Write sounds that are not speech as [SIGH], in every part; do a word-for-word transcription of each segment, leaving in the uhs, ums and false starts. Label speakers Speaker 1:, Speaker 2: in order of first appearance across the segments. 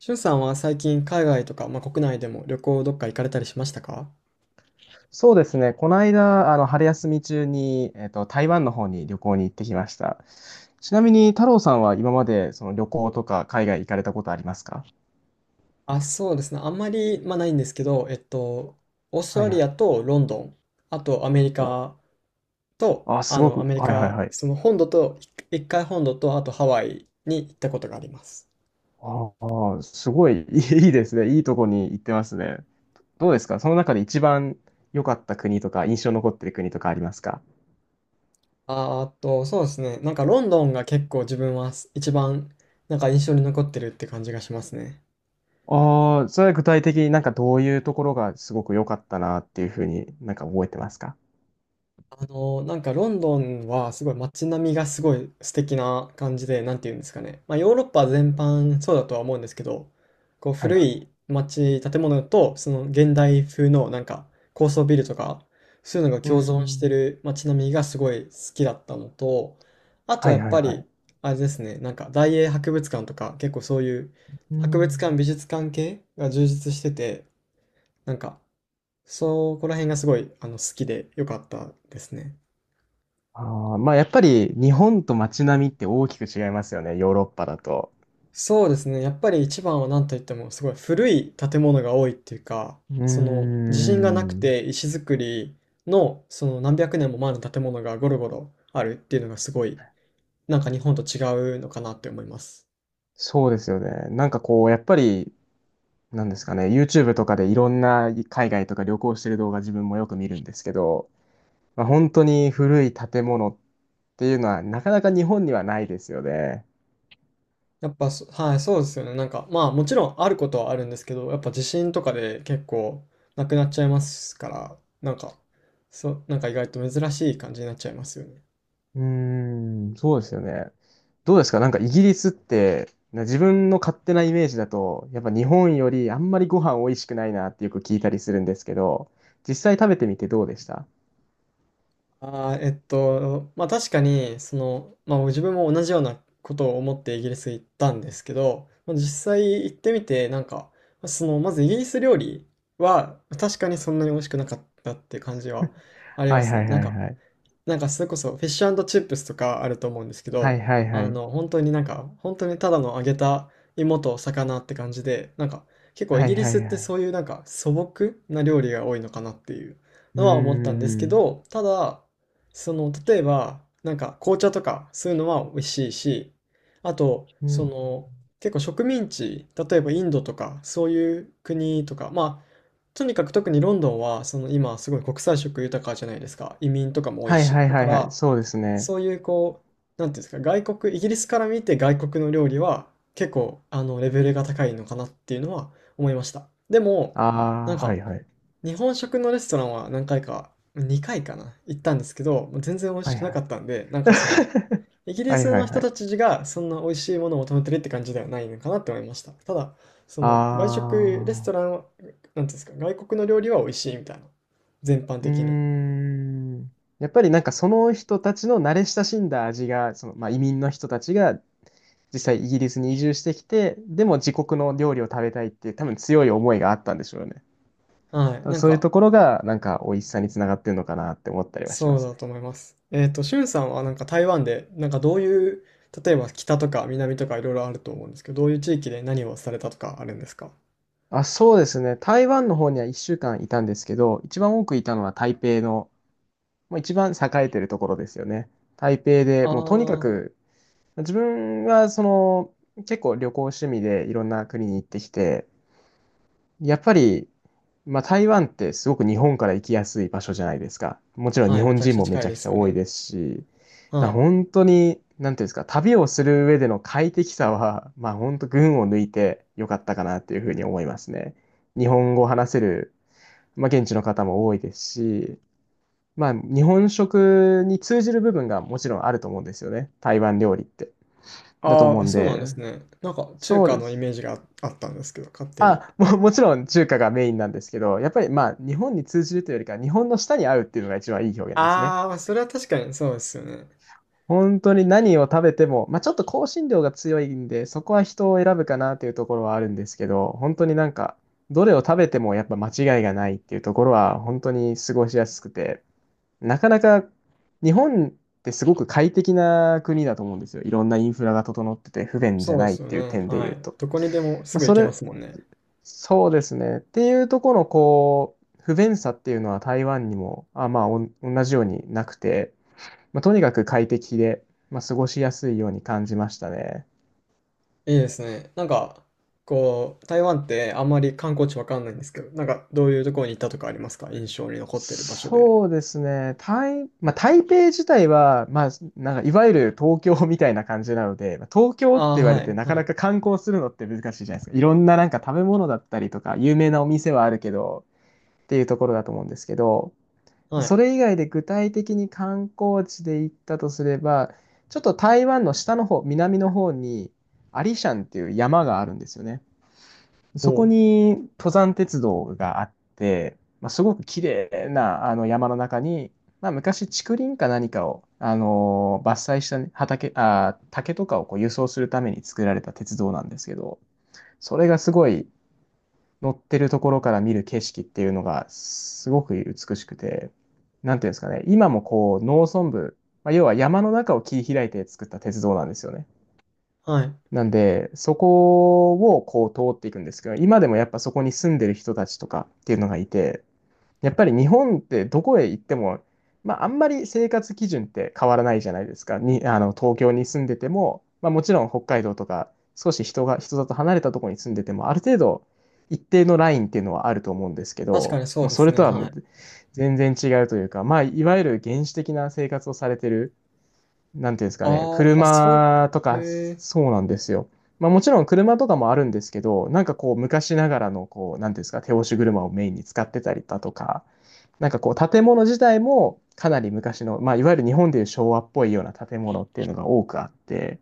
Speaker 1: しゅんさんは最近海外とか、まあ、国内でも旅行どっか行かれたりしましたか？
Speaker 2: そうですね。この間、あの、春休み中に、えっと、台湾の方に旅行に行ってきました。ちなみに、太郎さんは今まで、その旅行とか海外行かれたことありますか？
Speaker 1: あ、そうですね。あんまり、まあ、ないんですけど、えっと、オースト
Speaker 2: はい
Speaker 1: ラ
Speaker 2: は
Speaker 1: リア
Speaker 2: い。
Speaker 1: とロンドン、あとアメリ
Speaker 2: お、
Speaker 1: カと、
Speaker 2: あ、す
Speaker 1: あ
Speaker 2: ご
Speaker 1: の、ア
Speaker 2: く、
Speaker 1: メリ
Speaker 2: はいはい
Speaker 1: カ、
Speaker 2: はい。
Speaker 1: その本土と、一一回本土と、あとハワイに行ったことがあります。
Speaker 2: ああ、すごい、[LAUGHS] いいいいですね。いいとこに行ってますね。どうですかその中で一番良かった国とか、印象に残ってる国とかありますか？
Speaker 1: あーっと、そうですね。なんかロンドンが結構自分はす一番なんか印象に残ってるって感じがしますね。
Speaker 2: ああー、それは具体的になんかどういうところがすごく良かったなっていうふうになんか覚えてますか？
Speaker 1: あの、なんかロンドンはすごい街並みがすごい素敵な感じで、なんて言うんですかね。まあヨーロッパ全般そうだとは思うんですけど、こう
Speaker 2: はい
Speaker 1: 古
Speaker 2: はい。
Speaker 1: い街、建物とその現代風のなんか高層ビルとか、そういうのが
Speaker 2: うー
Speaker 1: 共存して
Speaker 2: ん。
Speaker 1: る街並みがすごい好きだったのと、あと
Speaker 2: は
Speaker 1: や
Speaker 2: い
Speaker 1: っ
Speaker 2: は
Speaker 1: ぱ
Speaker 2: いは
Speaker 1: り、
Speaker 2: い。
Speaker 1: あれですね、なんか大英博物館とか結構そういう
Speaker 2: う
Speaker 1: 博物館、
Speaker 2: ん。
Speaker 1: 美術館系が充実してて、なんかそこら辺がすごいあの好きでよかったですね。
Speaker 2: あー、まあやっぱり日本と街並みって大きく違いますよね、ヨーロッパだと。
Speaker 1: そうですね。やっぱり一番は何と言ってもすごい古い建物が多いっていうか、
Speaker 2: うー
Speaker 1: その地震がなく
Speaker 2: ん。
Speaker 1: て石造りのその何百年も前の建物がゴロゴロあるっていうのがすごいなんか日本と違うのかなって思います。
Speaker 2: そうですよね。なんかこう、やっぱり、なんですかね、YouTube とかでいろんな海外とか旅行してる動画自分もよく見るんですけど、まあ、本当に古い建物っていうのはなかなか日本にはないですよね。
Speaker 1: やっぱそ、はい、そうですよね。なんかまあもちろんあることはあるんですけど、やっぱ地震とかで結構なくなっちゃいますから、なんか、そう、なんか意外と珍しい感じになっちゃいますよね。
Speaker 2: うーん、そうですよね。どうですかなんかイギリスって、な自分の勝手なイメージだと、やっぱ日本よりあんまりご飯美味しくないなってよく聞いたりするんですけど、実際食べてみてどうでした？
Speaker 1: ああ、えっと、まあ確かに、その、まあ自分も同じようなことを思ってイギリス行ったんですけど、まあ、実際行ってみて、なんか、その、まずイギリス料理は確かにそんなに美味しくなかったっていう感じはありま
Speaker 2: はい
Speaker 1: す
Speaker 2: は
Speaker 1: ね。
Speaker 2: い
Speaker 1: なん
Speaker 2: はい
Speaker 1: か、
Speaker 2: はい。
Speaker 1: なんかそれこそフィッシュチップスとかあると思うんですけ
Speaker 2: はい
Speaker 1: ど、
Speaker 2: はいは
Speaker 1: あ
Speaker 2: い。
Speaker 1: の、本当になんか、本当にただの揚げた芋と魚って感じで、なんか結構イ
Speaker 2: は
Speaker 1: ギ
Speaker 2: い
Speaker 1: リ
Speaker 2: は
Speaker 1: スっ
Speaker 2: いは
Speaker 1: てそ
Speaker 2: い。
Speaker 1: ういうなんか素朴な料理が多いのかなっていう
Speaker 2: うー
Speaker 1: のは思ったんですけ
Speaker 2: ん。
Speaker 1: ど、ただ、その、例えば、なんか紅茶とかそういうのは美味しいし、あと、
Speaker 2: う
Speaker 1: そ
Speaker 2: ん。
Speaker 1: の、結構植民地、例えばインドとかそういう国とか、まあとにかく特にロンドンはその今すごい国際色豊かじゃないですか。移民とかも多い
Speaker 2: はい
Speaker 1: し。
Speaker 2: はい
Speaker 1: だか
Speaker 2: はいはい。
Speaker 1: ら、
Speaker 2: そうですね。
Speaker 1: そういうこう、なんていうんですか、外国、イギリスから見て外国の料理は結構あのレベルが高いのかなっていうのは思いました。でも、なん
Speaker 2: ああ、はい
Speaker 1: か
Speaker 2: はい。
Speaker 1: 日本食のレストランは何回か、にかいかな、行ったんですけど、もう全然美味
Speaker 2: は
Speaker 1: し
Speaker 2: い
Speaker 1: くな
Speaker 2: は
Speaker 1: か
Speaker 2: い。
Speaker 1: ったんで、なんかその、イギ
Speaker 2: [LAUGHS]
Speaker 1: リ
Speaker 2: はい
Speaker 1: ス
Speaker 2: は
Speaker 1: の
Speaker 2: いは
Speaker 1: 人
Speaker 2: い。
Speaker 1: たちがそんな美味しいものを求めてるって感じではないのかなって思いました。ただ、その外
Speaker 2: あ
Speaker 1: 食、レス
Speaker 2: あ。
Speaker 1: トランは、なんていうんですか、外国の料理は美味しいみたいな。全般
Speaker 2: うー
Speaker 1: 的に。
Speaker 2: ん。やっぱりなんかその人たちの慣れ親しんだ味が、その、まあ、移民の人たちが実際イギリスに移住してきて、でも自国の料理を食べたいっていう多分強い思いがあったんでしょうね。
Speaker 1: はい。
Speaker 2: 多分
Speaker 1: なん
Speaker 2: そういう
Speaker 1: か、
Speaker 2: ところがなんか美味しさにつながってるのかなって思ったりはしま
Speaker 1: そう
Speaker 2: す
Speaker 1: だ
Speaker 2: ね。
Speaker 1: と思います。えっと、しゅんさんはなんか台湾で、なんかどういう、例えば北とか南とかいろいろあると思うんですけど、どういう地域で何をされたとかあるんですか？
Speaker 2: あ、そうですね。台湾の方にはいっしゅうかんいたんですけど、一番多くいたのは台北の、もう一番栄えてるところですよね。台北で
Speaker 1: あ
Speaker 2: もうとにか
Speaker 1: あ、
Speaker 2: く、自分はその結構旅行趣味でいろんな国に行ってきて、やっぱり、まあ、台湾ってすごく日本から行きやすい場所じゃないですか。もちろん
Speaker 1: は
Speaker 2: 日
Speaker 1: い、め
Speaker 2: 本
Speaker 1: ちゃく
Speaker 2: 人
Speaker 1: ちゃ
Speaker 2: もめ
Speaker 1: 近
Speaker 2: ち
Speaker 1: い
Speaker 2: ゃ
Speaker 1: で
Speaker 2: くち
Speaker 1: す
Speaker 2: ゃ
Speaker 1: よ
Speaker 2: 多い
Speaker 1: ね。
Speaker 2: ですし、だ
Speaker 1: は
Speaker 2: か
Speaker 1: い。
Speaker 2: ら本当に、なんていうんですか、旅をする上での快適さは、まあ本当群を抜いてよかったかなっていうふうに思いますね。日本語を話せる、まあ現地の方も多いですし、まあ日本食に通じる部分がもちろんあると思うんですよね。台湾料理って。だと
Speaker 1: あ
Speaker 2: 思う
Speaker 1: あ、
Speaker 2: ん
Speaker 1: そうな
Speaker 2: で、
Speaker 1: んですね。なんか中
Speaker 2: そう
Speaker 1: 華
Speaker 2: で
Speaker 1: のイ
Speaker 2: す。
Speaker 1: メージがあ、あったんですけど、勝手に。
Speaker 2: あ、も、[LAUGHS] もちろん中華がメインなんですけど、やっぱりまあ日本に通じるというよりか日本の舌に合うっていうのが一番いい表現ですね。
Speaker 1: ああ、それは確かにそうですよね。
Speaker 2: 本当に何を食べても、まあちょっと香辛料が強いんで、そこは人を選ぶかなっていうところはあるんですけど、本当になんか、どれを食べてもやっぱ間違いがないっていうところは本当に過ごしやすくて、なかなか日本ってすごく快適な国だと思うんですよ。いろんなインフラが整ってて不便じ
Speaker 1: そ
Speaker 2: ゃ
Speaker 1: うで
Speaker 2: ないっ
Speaker 1: すよ
Speaker 2: ていう
Speaker 1: ね。
Speaker 2: 点で
Speaker 1: は
Speaker 2: 言う
Speaker 1: い。
Speaker 2: と。
Speaker 1: どこにでも
Speaker 2: ま
Speaker 1: す
Speaker 2: あ、
Speaker 1: ぐ行
Speaker 2: そ
Speaker 1: けま
Speaker 2: れ
Speaker 1: すもんね。
Speaker 2: そうですね。っていうところのこう不便さっていうのは台湾にもあ、まあ、おん同じようになくて、まあ、とにかく快適で、まあ、過ごしやすいように感じましたね。
Speaker 1: いいですね。なんか、こう、台湾ってあんまり観光地わかんないんですけど、なんかどういうところに行ったとかありますか？印象に残ってる場所で。
Speaker 2: そうですね。台、まあ、台北自体は、まあ、なんかいわゆる東京みたいな感じなので、まあ東京
Speaker 1: あ
Speaker 2: って
Speaker 1: あ、
Speaker 2: 言われ
Speaker 1: は
Speaker 2: て
Speaker 1: い、
Speaker 2: なか
Speaker 1: は
Speaker 2: な
Speaker 1: い、
Speaker 2: か観光するのって難しいじゃないですか。いろんななんか食べ物だったりとか有名なお店はあるけどっていうところだと思うんですけど、
Speaker 1: は
Speaker 2: そ
Speaker 1: い。
Speaker 2: れ以外で具体的に観光地で行ったとすれば、ちょっと台湾の下の方、南の方に、アリシャンっていう山があるんですよね。
Speaker 1: お
Speaker 2: そこ
Speaker 1: う
Speaker 2: に登山鉄道があって、まあ、すごく綺麗なあの山の中に、まあ、昔竹林か何かを、あのー伐採したね畑、あー、竹とかをこう輸送するために作られた鉄道なんですけど、それがすごい乗ってるところから見る景色っていうのがすごく美しくて、なんていうんですかね、今もこう農村部、まあ、要は山の中を切り開いて作った鉄道なんですよね。
Speaker 1: はい。
Speaker 2: なんで、そこをこう通っていくんですけど、今でもやっぱそこに住んでる人たちとかっていうのがいて、やっぱり日本ってどこへ行っても、まあ、あんまり生活基準って変わらないじゃないですか。に、あの、東京に住んでても、まあ、もちろん北海道とか、少し人が、人里離れたところに住んでても、ある程度、一定のラインっていうのはあると思うんですけ
Speaker 1: 確か
Speaker 2: ど、
Speaker 1: にそ
Speaker 2: も
Speaker 1: う
Speaker 2: う
Speaker 1: で
Speaker 2: そ
Speaker 1: す
Speaker 2: れ
Speaker 1: ね、
Speaker 2: とはも
Speaker 1: は
Speaker 2: う
Speaker 1: い。
Speaker 2: 全然違うというか、まあ、いわゆる原始的な生活をされてるなんていうんですかね、
Speaker 1: ああ、あ、そういう、
Speaker 2: 車とか、
Speaker 1: へえ、
Speaker 2: そうなんですよ。まあもちろん車とかもあるんですけど、なんかこう昔ながらのこう、なんていうんですか、手押し車をメインに使ってたりだとか、なんかこう建物自体もかなり昔の、まあいわゆる日本でいう昭和っぽいような建物っていうのが多くあって、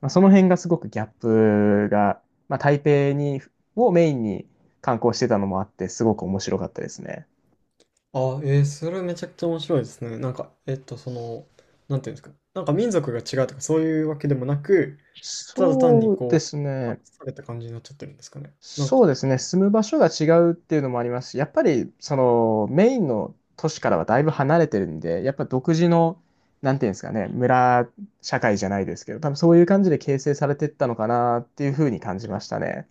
Speaker 2: まあ、その辺がすごくギャップが、まあ台北に、をメインに観光してたのもあって、すごく面白かったですね。
Speaker 1: あえーそれめちゃくちゃ面白いですね。なんか、えっと、その、なんていうんですか、なんか民族が違うとかそういうわけでもなく、ただ単に
Speaker 2: そうで
Speaker 1: こ
Speaker 2: す
Speaker 1: う、話
Speaker 2: ね。
Speaker 1: された感じになっちゃってるんですかね。なん
Speaker 2: そ
Speaker 1: か、
Speaker 2: うですね、住む場所が違うっていうのもありますし、やっぱりそのメインの都市からはだいぶ離れてるんで、やっぱ独自の、なんていうんですかね、村社会じゃないですけど、多分そういう感じで形成されてったのかなっていうふうに感じましたね。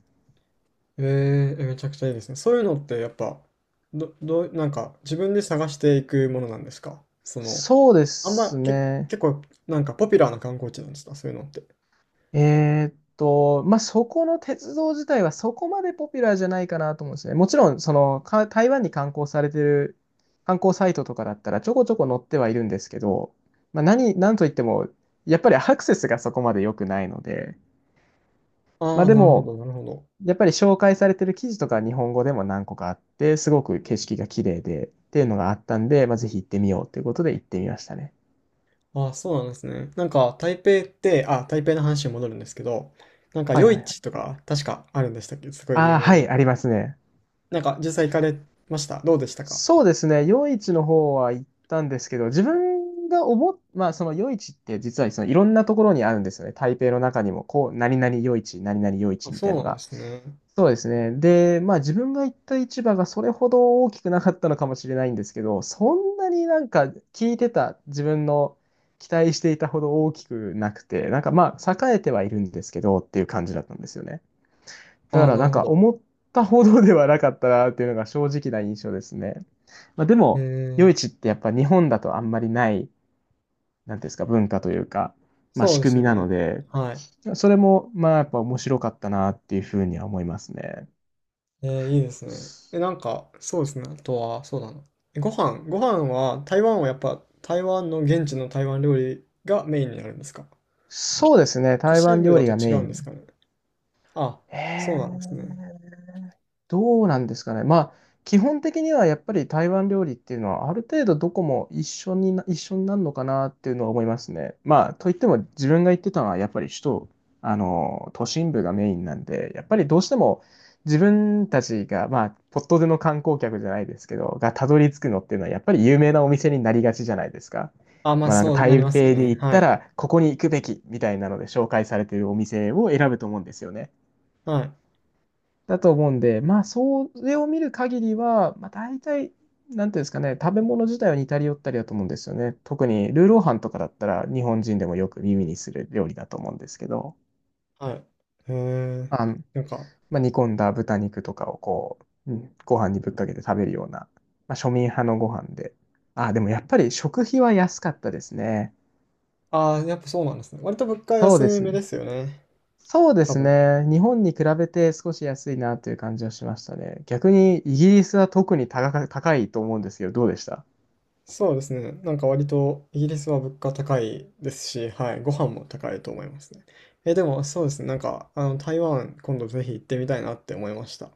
Speaker 1: えーえ、めちゃくちゃいいですね。そういうのってやっぱ、ど、どう、なんか自分で探していくものなんですかその、
Speaker 2: そうで
Speaker 1: あん
Speaker 2: す
Speaker 1: ま、け、
Speaker 2: ね。
Speaker 1: 結構なんかポピュラーな観光地なんですかそういうのって。
Speaker 2: えーっと、まあ、そこの鉄道自体はそこまでポピュラーじゃないかなと思うんですね。もちろん、その、か台湾に観光されてる観光サイトとかだったらちょこちょこ載ってはいるんですけど、まあ、何、なんといっても、やっぱりアクセスがそこまで良くないので、
Speaker 1: あ
Speaker 2: まあ、
Speaker 1: あ、
Speaker 2: で
Speaker 1: なるほど、
Speaker 2: も、
Speaker 1: なるほど。
Speaker 2: やっぱり紹介されてる記事とか日本語でも何個かあって、すごく景色が綺麗でっていうのがあったんで、まあ、ぜひ行ってみようということで行ってみましたね。
Speaker 1: ああ、そうなんですね。なんか、台北って、あ、台北の話に戻るんですけど、なんか、
Speaker 2: はいは
Speaker 1: 夜
Speaker 2: いは
Speaker 1: 市
Speaker 2: い。
Speaker 1: とか、確かあるんでしたっけ、すごい有
Speaker 2: ああ、
Speaker 1: 名
Speaker 2: はい、
Speaker 1: な。
Speaker 2: ありますね。
Speaker 1: なんか、実際行かれました、どうでしたか？
Speaker 2: そうですね。夜市の方は行ったんですけど、自分が思っ、まあその夜市って実はそのいろんなところにあるんですよね。台北の中にも、こう、何々夜市、何々夜
Speaker 1: あ、
Speaker 2: 市みたい
Speaker 1: そ
Speaker 2: の
Speaker 1: うなんで
Speaker 2: が。
Speaker 1: すね。
Speaker 2: そうですね。で、まあ自分が行った市場がそれほど大きくなかったのかもしれないんですけど、そんなになんか聞いてた自分の期待していたほど大きくなくて、なんかまあ栄えてはいるんですけどっていう感じだったんですよね。だ
Speaker 1: あ
Speaker 2: か
Speaker 1: あ、
Speaker 2: ら
Speaker 1: な
Speaker 2: な
Speaker 1: る
Speaker 2: ん
Speaker 1: ほ
Speaker 2: か
Speaker 1: ど。
Speaker 2: 思ったほどではなかったなっていうのが正直な印象ですね。まあ、で
Speaker 1: え
Speaker 2: も、夜
Speaker 1: え、
Speaker 2: 市ってやっぱ日本だとあんまりない、なんていうんですか、文化というか、まあ
Speaker 1: そう
Speaker 2: 仕
Speaker 1: で
Speaker 2: 組
Speaker 1: す
Speaker 2: み
Speaker 1: よ
Speaker 2: な
Speaker 1: ね。
Speaker 2: ので、
Speaker 1: はい。
Speaker 2: それもまあやっぱ面白かったなっていうふうには思いますね。
Speaker 1: えー、いいですね。え、なんか、そうですね。あとは、そうだな。えご飯、ご飯は、台湾はやっぱ、台湾の現地の台湾料理がメインになるんですか？
Speaker 2: そうですね、
Speaker 1: 都
Speaker 2: 台
Speaker 1: 市
Speaker 2: 湾
Speaker 1: 部
Speaker 2: 料
Speaker 1: だ
Speaker 2: 理
Speaker 1: と
Speaker 2: が
Speaker 1: 違
Speaker 2: メイ
Speaker 1: うんです
Speaker 2: ン。
Speaker 1: かね。あ、
Speaker 2: へ
Speaker 1: そうなんですね。
Speaker 2: え、どうなんですかね。まあ、基本的にはやっぱり台湾料理っていうのは、ある程度どこも一緒にな、一緒になるのかなっていうのは思いますね。まあ、といっても自分が行ってたのは、やっぱり首都、あの、都心部がメインなんで、やっぱりどうしても自分たちが、まあ、ポッとでの観光客じゃないですけど、がたどり着くのっていうのは、やっぱり有名なお店になりがちじゃないですか。
Speaker 1: あ、まあ、
Speaker 2: まあ、なんか
Speaker 1: そうなり
Speaker 2: 台
Speaker 1: ますよ
Speaker 2: 北に
Speaker 1: ね。
Speaker 2: 行っ
Speaker 1: は
Speaker 2: た
Speaker 1: い。
Speaker 2: ら、ここに行くべきみたいなので紹介されているお店を選ぶと思うんですよね。
Speaker 1: はい。
Speaker 2: だと思うんで、まあ、それを見る限りは、まあ、大体、なんていうんですかね、食べ物自体は似たり寄ったりだと思うんですよね。特にルーローハンとかだったら、日本人でもよく耳にする料理だと思うんですけど、
Speaker 1: はい。へえ、
Speaker 2: あの、
Speaker 1: なんか、
Speaker 2: まあ、煮込んだ豚肉とかをこう、うんご飯にぶっかけて食べるような、まあ、庶民派のご飯で。あ、でもやっぱり食費は安かったですね。
Speaker 1: ああ、やっぱそうなんですね。割と物価
Speaker 2: そうで
Speaker 1: 安
Speaker 2: す
Speaker 1: めで
Speaker 2: ね。
Speaker 1: すよね。
Speaker 2: そうで
Speaker 1: 多
Speaker 2: す
Speaker 1: 分。
Speaker 2: ね。日本に比べて少し安いなという感じはしましたね。逆にイギリスは特に高か、高いと思うんですけど、どうでした？
Speaker 1: そうですね。なんか割とイギリスは物価高いですし、はい、ご飯も高いと思いますね。え、でもそうですね。なんか、あの、台湾今度ぜひ行ってみたいなって思いました。